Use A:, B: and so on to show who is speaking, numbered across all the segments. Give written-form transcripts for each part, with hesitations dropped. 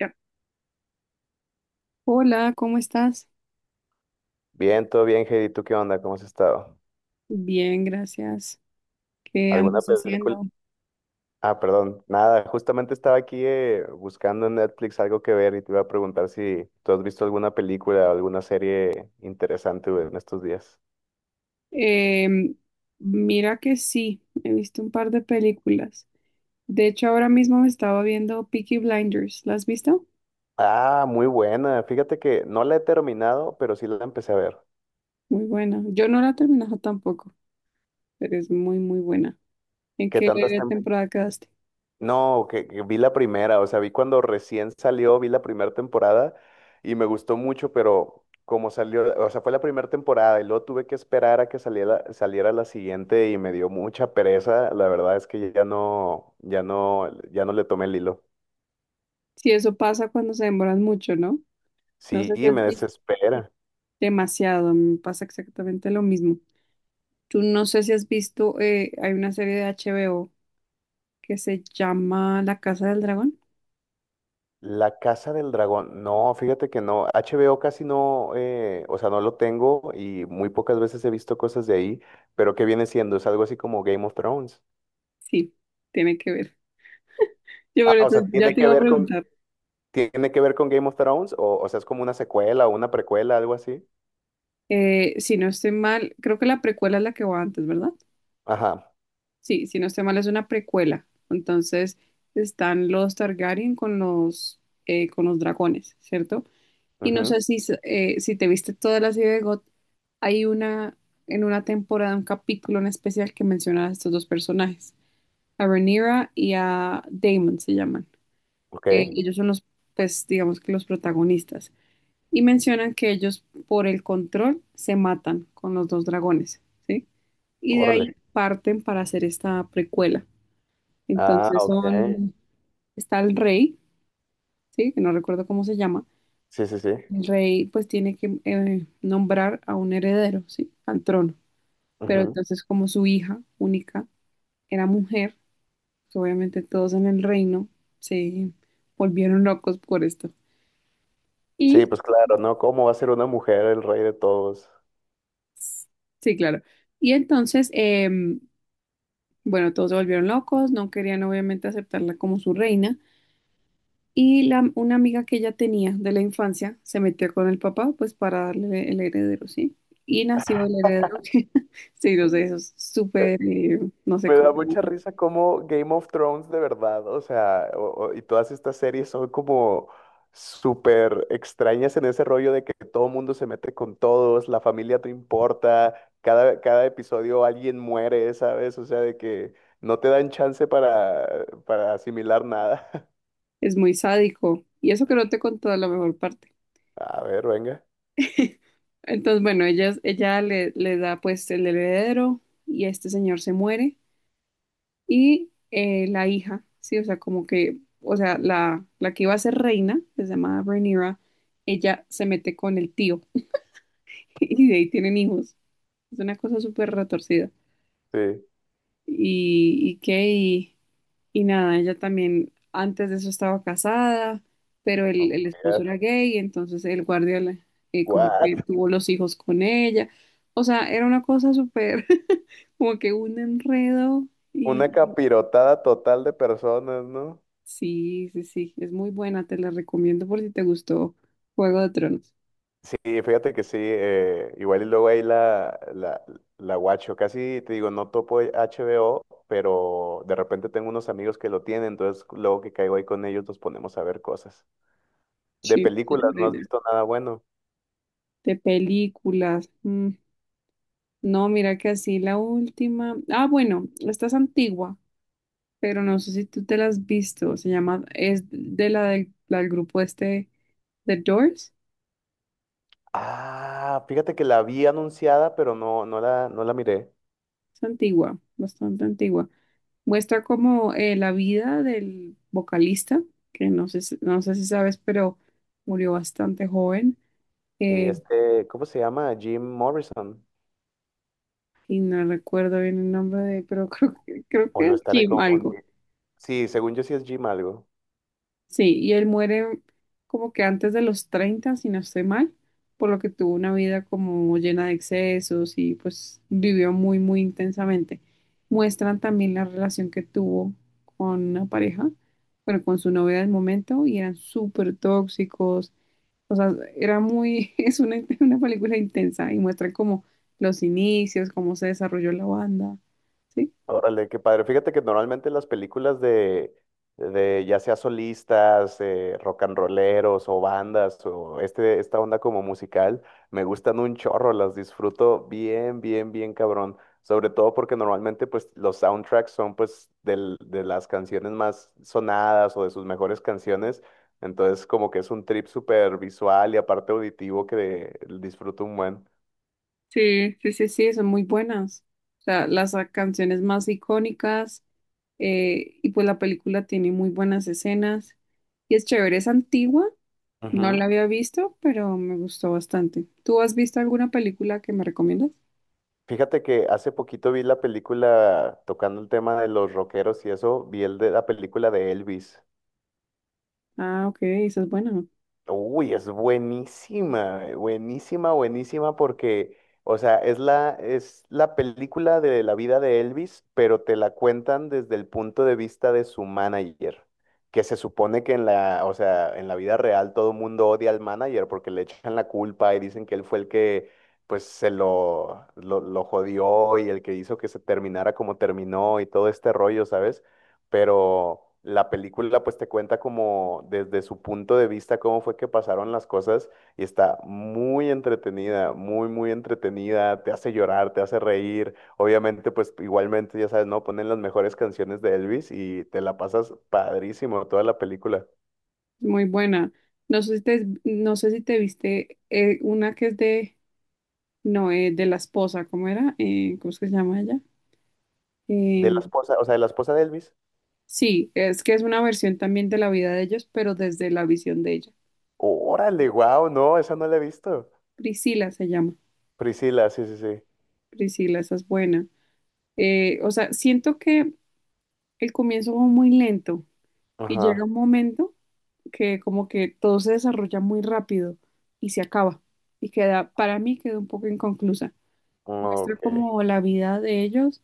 A: Ya. Hola, ¿cómo estás?
B: Bien, todo bien, Heidi. ¿Tú qué onda? ¿Cómo has estado?
A: Bien, gracias. ¿Qué
B: ¿Alguna
A: andas
B: película?
A: haciendo?
B: Ah, perdón, nada. Justamente estaba aquí buscando en Netflix algo que ver y te iba a preguntar si tú has visto alguna película o alguna serie interesante güey, en estos días.
A: Em, mira que sí, he visto un par de películas. De hecho, ahora mismo me estaba viendo Peaky Blinders. ¿La has visto?
B: Ah, muy buena. Fíjate que no la he terminado, pero sí la empecé a ver.
A: Muy buena. Yo no la he terminado tampoco, pero es muy, muy buena. ¿En
B: ¿Qué
A: qué
B: tantas,
A: temporada quedaste?
B: No, que vi la primera, o sea, vi cuando recién salió, vi la primera temporada y me gustó mucho, pero como salió, o sea, fue la primera temporada y luego tuve que esperar a que saliera la siguiente y me dio mucha pereza, la verdad es que ya no, ya no, ya no le tomé el hilo.
A: Sí, eso pasa cuando se demoran mucho, ¿no? No
B: Sí,
A: sé si has
B: me
A: visto
B: desespera.
A: demasiado, me pasa exactamente lo mismo. Tú no sé si has visto, hay una serie de HBO que se llama La Casa del Dragón.
B: La Casa del Dragón, no, fíjate que no, HBO casi no, o sea, no lo tengo y muy pocas veces he visto cosas de ahí, pero ¿qué viene siendo? Es algo así como Game of Thrones.
A: Sí, tiene que ver. Yo
B: Ah,
A: por
B: o
A: eso
B: sea,
A: ya
B: tiene
A: te
B: que
A: iba a
B: ver con,
A: preguntar.
B: ¿tiene que ver con Game of Thrones? O sea, es como una secuela o una precuela, algo así.
A: Si no estoy mal, creo que la precuela es la que va antes, ¿verdad?
B: Ajá.
A: Sí, si no estoy mal, es una precuela. Entonces están los Targaryen con los dragones, ¿cierto? Y no
B: Ujú.
A: sé si te viste toda la serie de GOT, hay una, en una temporada, un capítulo en especial que menciona a estos dos personajes, a Rhaenyra y a Daemon se llaman. eh,
B: Ok.
A: ellos son los, pues digamos que los protagonistas, y mencionan que ellos por el control se matan con los dos dragones, ¿sí? Y de
B: Órale.
A: ahí parten para hacer esta precuela.
B: Ah,
A: Entonces
B: ok.
A: son, está el rey, ¿sí? Que no recuerdo cómo se llama.
B: Sí, sí, sí.
A: El rey pues tiene que nombrar a un heredero, ¿sí? Al trono. Pero
B: Ujú.
A: entonces como su hija única era mujer, pues, obviamente todos en el reino se volvieron locos por esto.
B: Sí,
A: Y.
B: pues claro, ¿no? ¿Cómo va a ser una mujer el rey de todos?
A: Sí, claro. Y entonces, bueno, todos se volvieron locos, no querían obviamente aceptarla como su reina. Y la, una amiga que ella tenía de la infancia se metió con el papá, pues para darle el heredero, ¿sí? Y nació el heredero. Sí, no sé, eso es
B: Eh,
A: súper, no sé
B: Me da
A: cómo,
B: mucha risa como Game of Thrones de verdad, o sea, y todas estas series son como súper extrañas en ese rollo de que todo mundo se mete con todos, la familia te importa, cada episodio alguien muere, ¿sabes? O sea, de que no te dan chance para asimilar nada.
A: es muy sádico. Y eso que no te contó la mejor parte.
B: A ver, venga.
A: Entonces, bueno, ella le, le da pues el heredero y este señor se muere. Y la hija, sí, o sea, como que, o sea, la que iba a ser reina, que se llamaba Rhaenyra, ella se mete con el tío y de ahí tienen hijos. Es una cosa súper retorcida.
B: Sí.
A: Y qué, y nada, ella también antes de eso estaba casada, pero
B: Oh,
A: el
B: my
A: esposo
B: God.
A: era gay, entonces el guardia como que
B: What?
A: tuvo los hijos con ella. O sea, era una cosa súper, como que un enredo.
B: Una capirotada total de personas, ¿no?
A: Sí, sí, sí, es muy buena, te la recomiendo por si te gustó Juego de Tronos.
B: Sí, fíjate que sí, igual y luego ahí la guacho, casi te digo, no topo HBO, pero de repente tengo unos amigos que lo tienen, entonces luego que caigo ahí con ellos nos ponemos a ver cosas. De
A: Sí,
B: películas, ¿no has
A: chévere.
B: visto nada bueno?
A: De películas. No, mira que así la última. Ah, bueno, esta es antigua, pero no sé si tú te la has visto. Se llama, es de la del grupo este, The Doors.
B: Ah, fíjate que la vi anunciada, pero no, no la miré.
A: Es antigua, bastante antigua. Muestra como la vida del vocalista, que no sé, no sé si sabes, pero murió bastante joven.
B: Sí,
A: eh,
B: este, ¿cómo se llama? Jim Morrison.
A: y no recuerdo bien el nombre de, pero creo
B: O
A: que
B: lo
A: es
B: estaré
A: Jim algo.
B: confundiendo. Sí, según yo sí es Jim algo.
A: Sí, y él muere como que antes de los 30 si no estoy mal, por lo que tuvo una vida como llena de excesos y pues vivió muy, muy intensamente. Muestran también la relación que tuvo con una pareja, bueno, con su novia del momento y eran súper tóxicos. O sea, era muy, es una película intensa y muestra como los inicios, cómo se desarrolló la banda, ¿sí?
B: Órale, qué padre. Fíjate que normalmente las películas de ya sea solistas, rock and rolleros o bandas o este, esta onda como musical, me gustan un chorro, las disfruto bien, bien, bien cabrón. Sobre todo porque normalmente pues los soundtracks son pues de las canciones más sonadas o de sus mejores canciones. Entonces como que es un trip súper visual y aparte auditivo que disfruto un buen.
A: Sí, sí, sí, sí, son muy buenas. O sea, las canciones más icónicas y pues la película tiene muy buenas escenas y es chévere, es antigua, no la había visto, pero me gustó bastante. ¿Tú has visto alguna película que me recomiendas?
B: Fíjate que hace poquito vi la película, tocando el tema de los rockeros y eso, vi el de la película de Elvis.
A: Ah, ok, esa es buena,
B: Uy, es buenísima, buenísima, buenísima porque, o sea, es la película de la vida de Elvis, pero te la cuentan desde el punto de vista de su manager, que se supone que o sea, en la vida real todo mundo odia al manager porque le echan la culpa y dicen que él fue el que, pues, lo jodió y el que hizo que se terminara como terminó y todo este rollo, ¿sabes? Pero la película pues te cuenta como desde su punto de vista cómo fue que pasaron las cosas y está muy entretenida, muy, muy entretenida, te hace llorar, te hace reír, obviamente pues igualmente ya sabes, ¿no? Ponen las mejores canciones de Elvis y te la pasas padrísimo toda la película.
A: muy buena. No sé si te, no sé si te viste una que es de, no, de la esposa, ¿cómo era? ¿Cómo es que se llama ella?
B: De la
A: Em,
B: esposa, o sea, de la esposa de Elvis.
A: sí, es que es una versión también de la vida de ellos, pero desde la visión de ellos.
B: Órale, wow, no, esa no la he visto.
A: Priscila se llama.
B: Priscila, sí, sí, sí.
A: Priscila, esa es buena. O sea, siento que el comienzo va muy lento y llega
B: Ajá.
A: un momento que como que todo se desarrolla muy rápido y se acaba. Y queda, para mí queda un poco inconclusa. Muestra
B: Ok.
A: como la vida de ellos.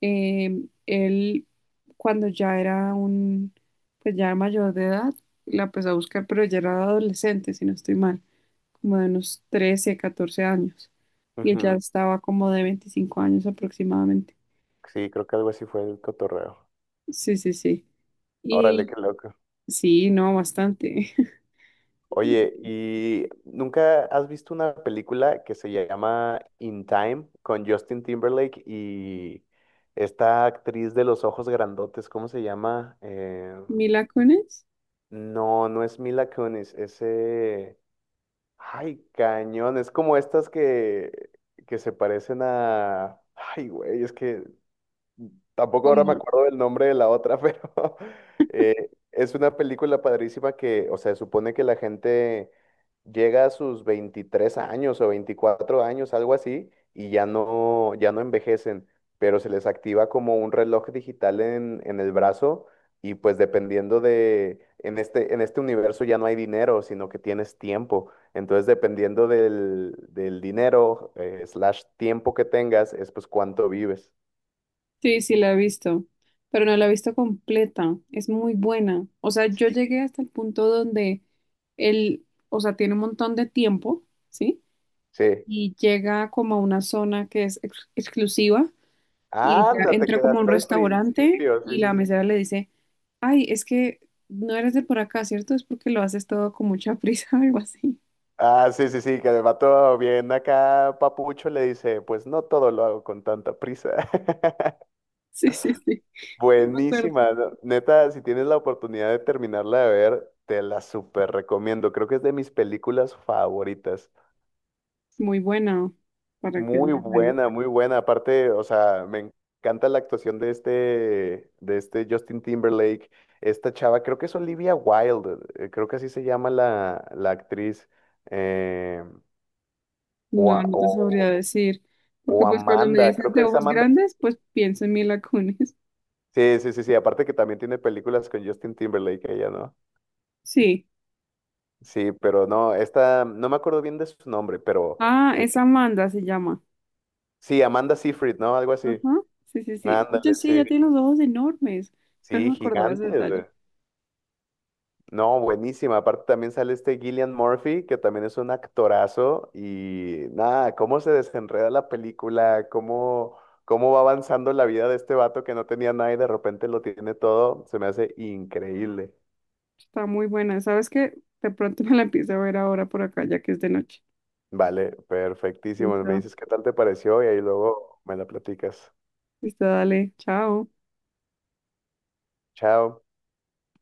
A: Él, cuando ya era un, pues ya era mayor de edad, la empezó a buscar, pero ya era adolescente, si no estoy mal. Como de unos 13 14 años. Y ella
B: Ujú.
A: estaba como de 25 años aproximadamente.
B: Sí, creo que algo así fue el cotorreo.
A: Sí, sí, sí.
B: Órale, qué
A: Y
B: loco.
A: sí, no, bastante.
B: Oye, ¿y nunca has visto una película que se llama In Time con Justin Timberlake y esta actriz de los ojos grandotes? ¿Cómo se llama?
A: Mila Kunis,
B: No, no es Mila Kunis, ese... Ay, cañón, es como estas que se parecen a... Ay, güey, es que tampoco ahora me
A: como,
B: acuerdo del nombre de la otra, pero es una película padrísima que, o sea, supone que la gente llega a sus 23 años o 24 años, algo así, y ya no, ya no envejecen, pero se les activa como un reloj digital en el brazo y pues dependiendo de, en este universo ya no hay dinero, sino que tienes tiempo. Entonces, dependiendo del dinero, slash tiempo que tengas, es pues cuánto vives.
A: sí, sí la he visto, pero no la he visto completa, es muy buena. O sea, yo
B: Sí.
A: llegué hasta el punto donde él, o sea, tiene un montón de tiempo, ¿sí?
B: Sí,
A: Y llega como a una zona que es exclusiva y ella
B: anda, te
A: entra como a un
B: quedaste al
A: restaurante
B: principio. Sí,
A: y
B: sí,
A: la
B: sí.
A: mesera
B: Sí.
A: le dice, Ay, es que no eres de por acá, ¿cierto? Es porque lo haces todo con mucha prisa algo así.
B: Ah, sí, sí, sí, que el vato bien acá, papucho, le dice, pues no todo lo hago con tanta prisa.
A: Sí, sí, sí. Sí, me acuerdo.
B: Buenísima, ¿no? Neta, si tienes la oportunidad de terminarla de ver, te la súper recomiendo. Creo que es de mis películas favoritas.
A: Es muy buena. ¿Para qué es
B: Muy
A: muy buena?
B: buena, muy buena. Aparte, o sea, me encanta la actuación de este Justin Timberlake. Esta chava, creo que es Olivia Wilde, creo que así se llama la actriz. eh, o,
A: No,
B: a-
A: no te sabría
B: o-
A: decir. Porque
B: o
A: pues cuando me
B: Amanda,
A: dices
B: creo
A: de
B: que es
A: ojos
B: Amanda.
A: grandes, pues pienso en Mila Kunis.
B: Sí, sí, sí, sí. Aparte que también tiene películas con Justin Timberlake, ella, ¿no?
A: Sí.
B: Sí, pero no, esta, no me acuerdo bien de su nombre, pero
A: Ah,
B: el-
A: es Amanda se llama.
B: sí, Amanda Seyfried, ¿no? Algo así.
A: Ajá. Sí, sí, sí. Oye,
B: Ándale,
A: sí, ella
B: sí.
A: tiene los ojos enormes. Yo no
B: Sí,
A: me acordaba de ese detalle.
B: gigante. No, buenísima. Aparte también sale este Gillian Murphy, que también es un actorazo. Y nada, cómo se desenreda la película, cómo, cómo va avanzando la vida de este vato que no tenía nada y de repente lo tiene todo, se me hace increíble.
A: Está muy buena. ¿Sabes qué? De pronto me la empiezo a ver ahora por acá, ya que es de noche.
B: Vale, perfectísimo. Me
A: Listo.
B: dices qué tal te pareció y ahí luego me la platicas.
A: Listo, dale. Chao.
B: Chao.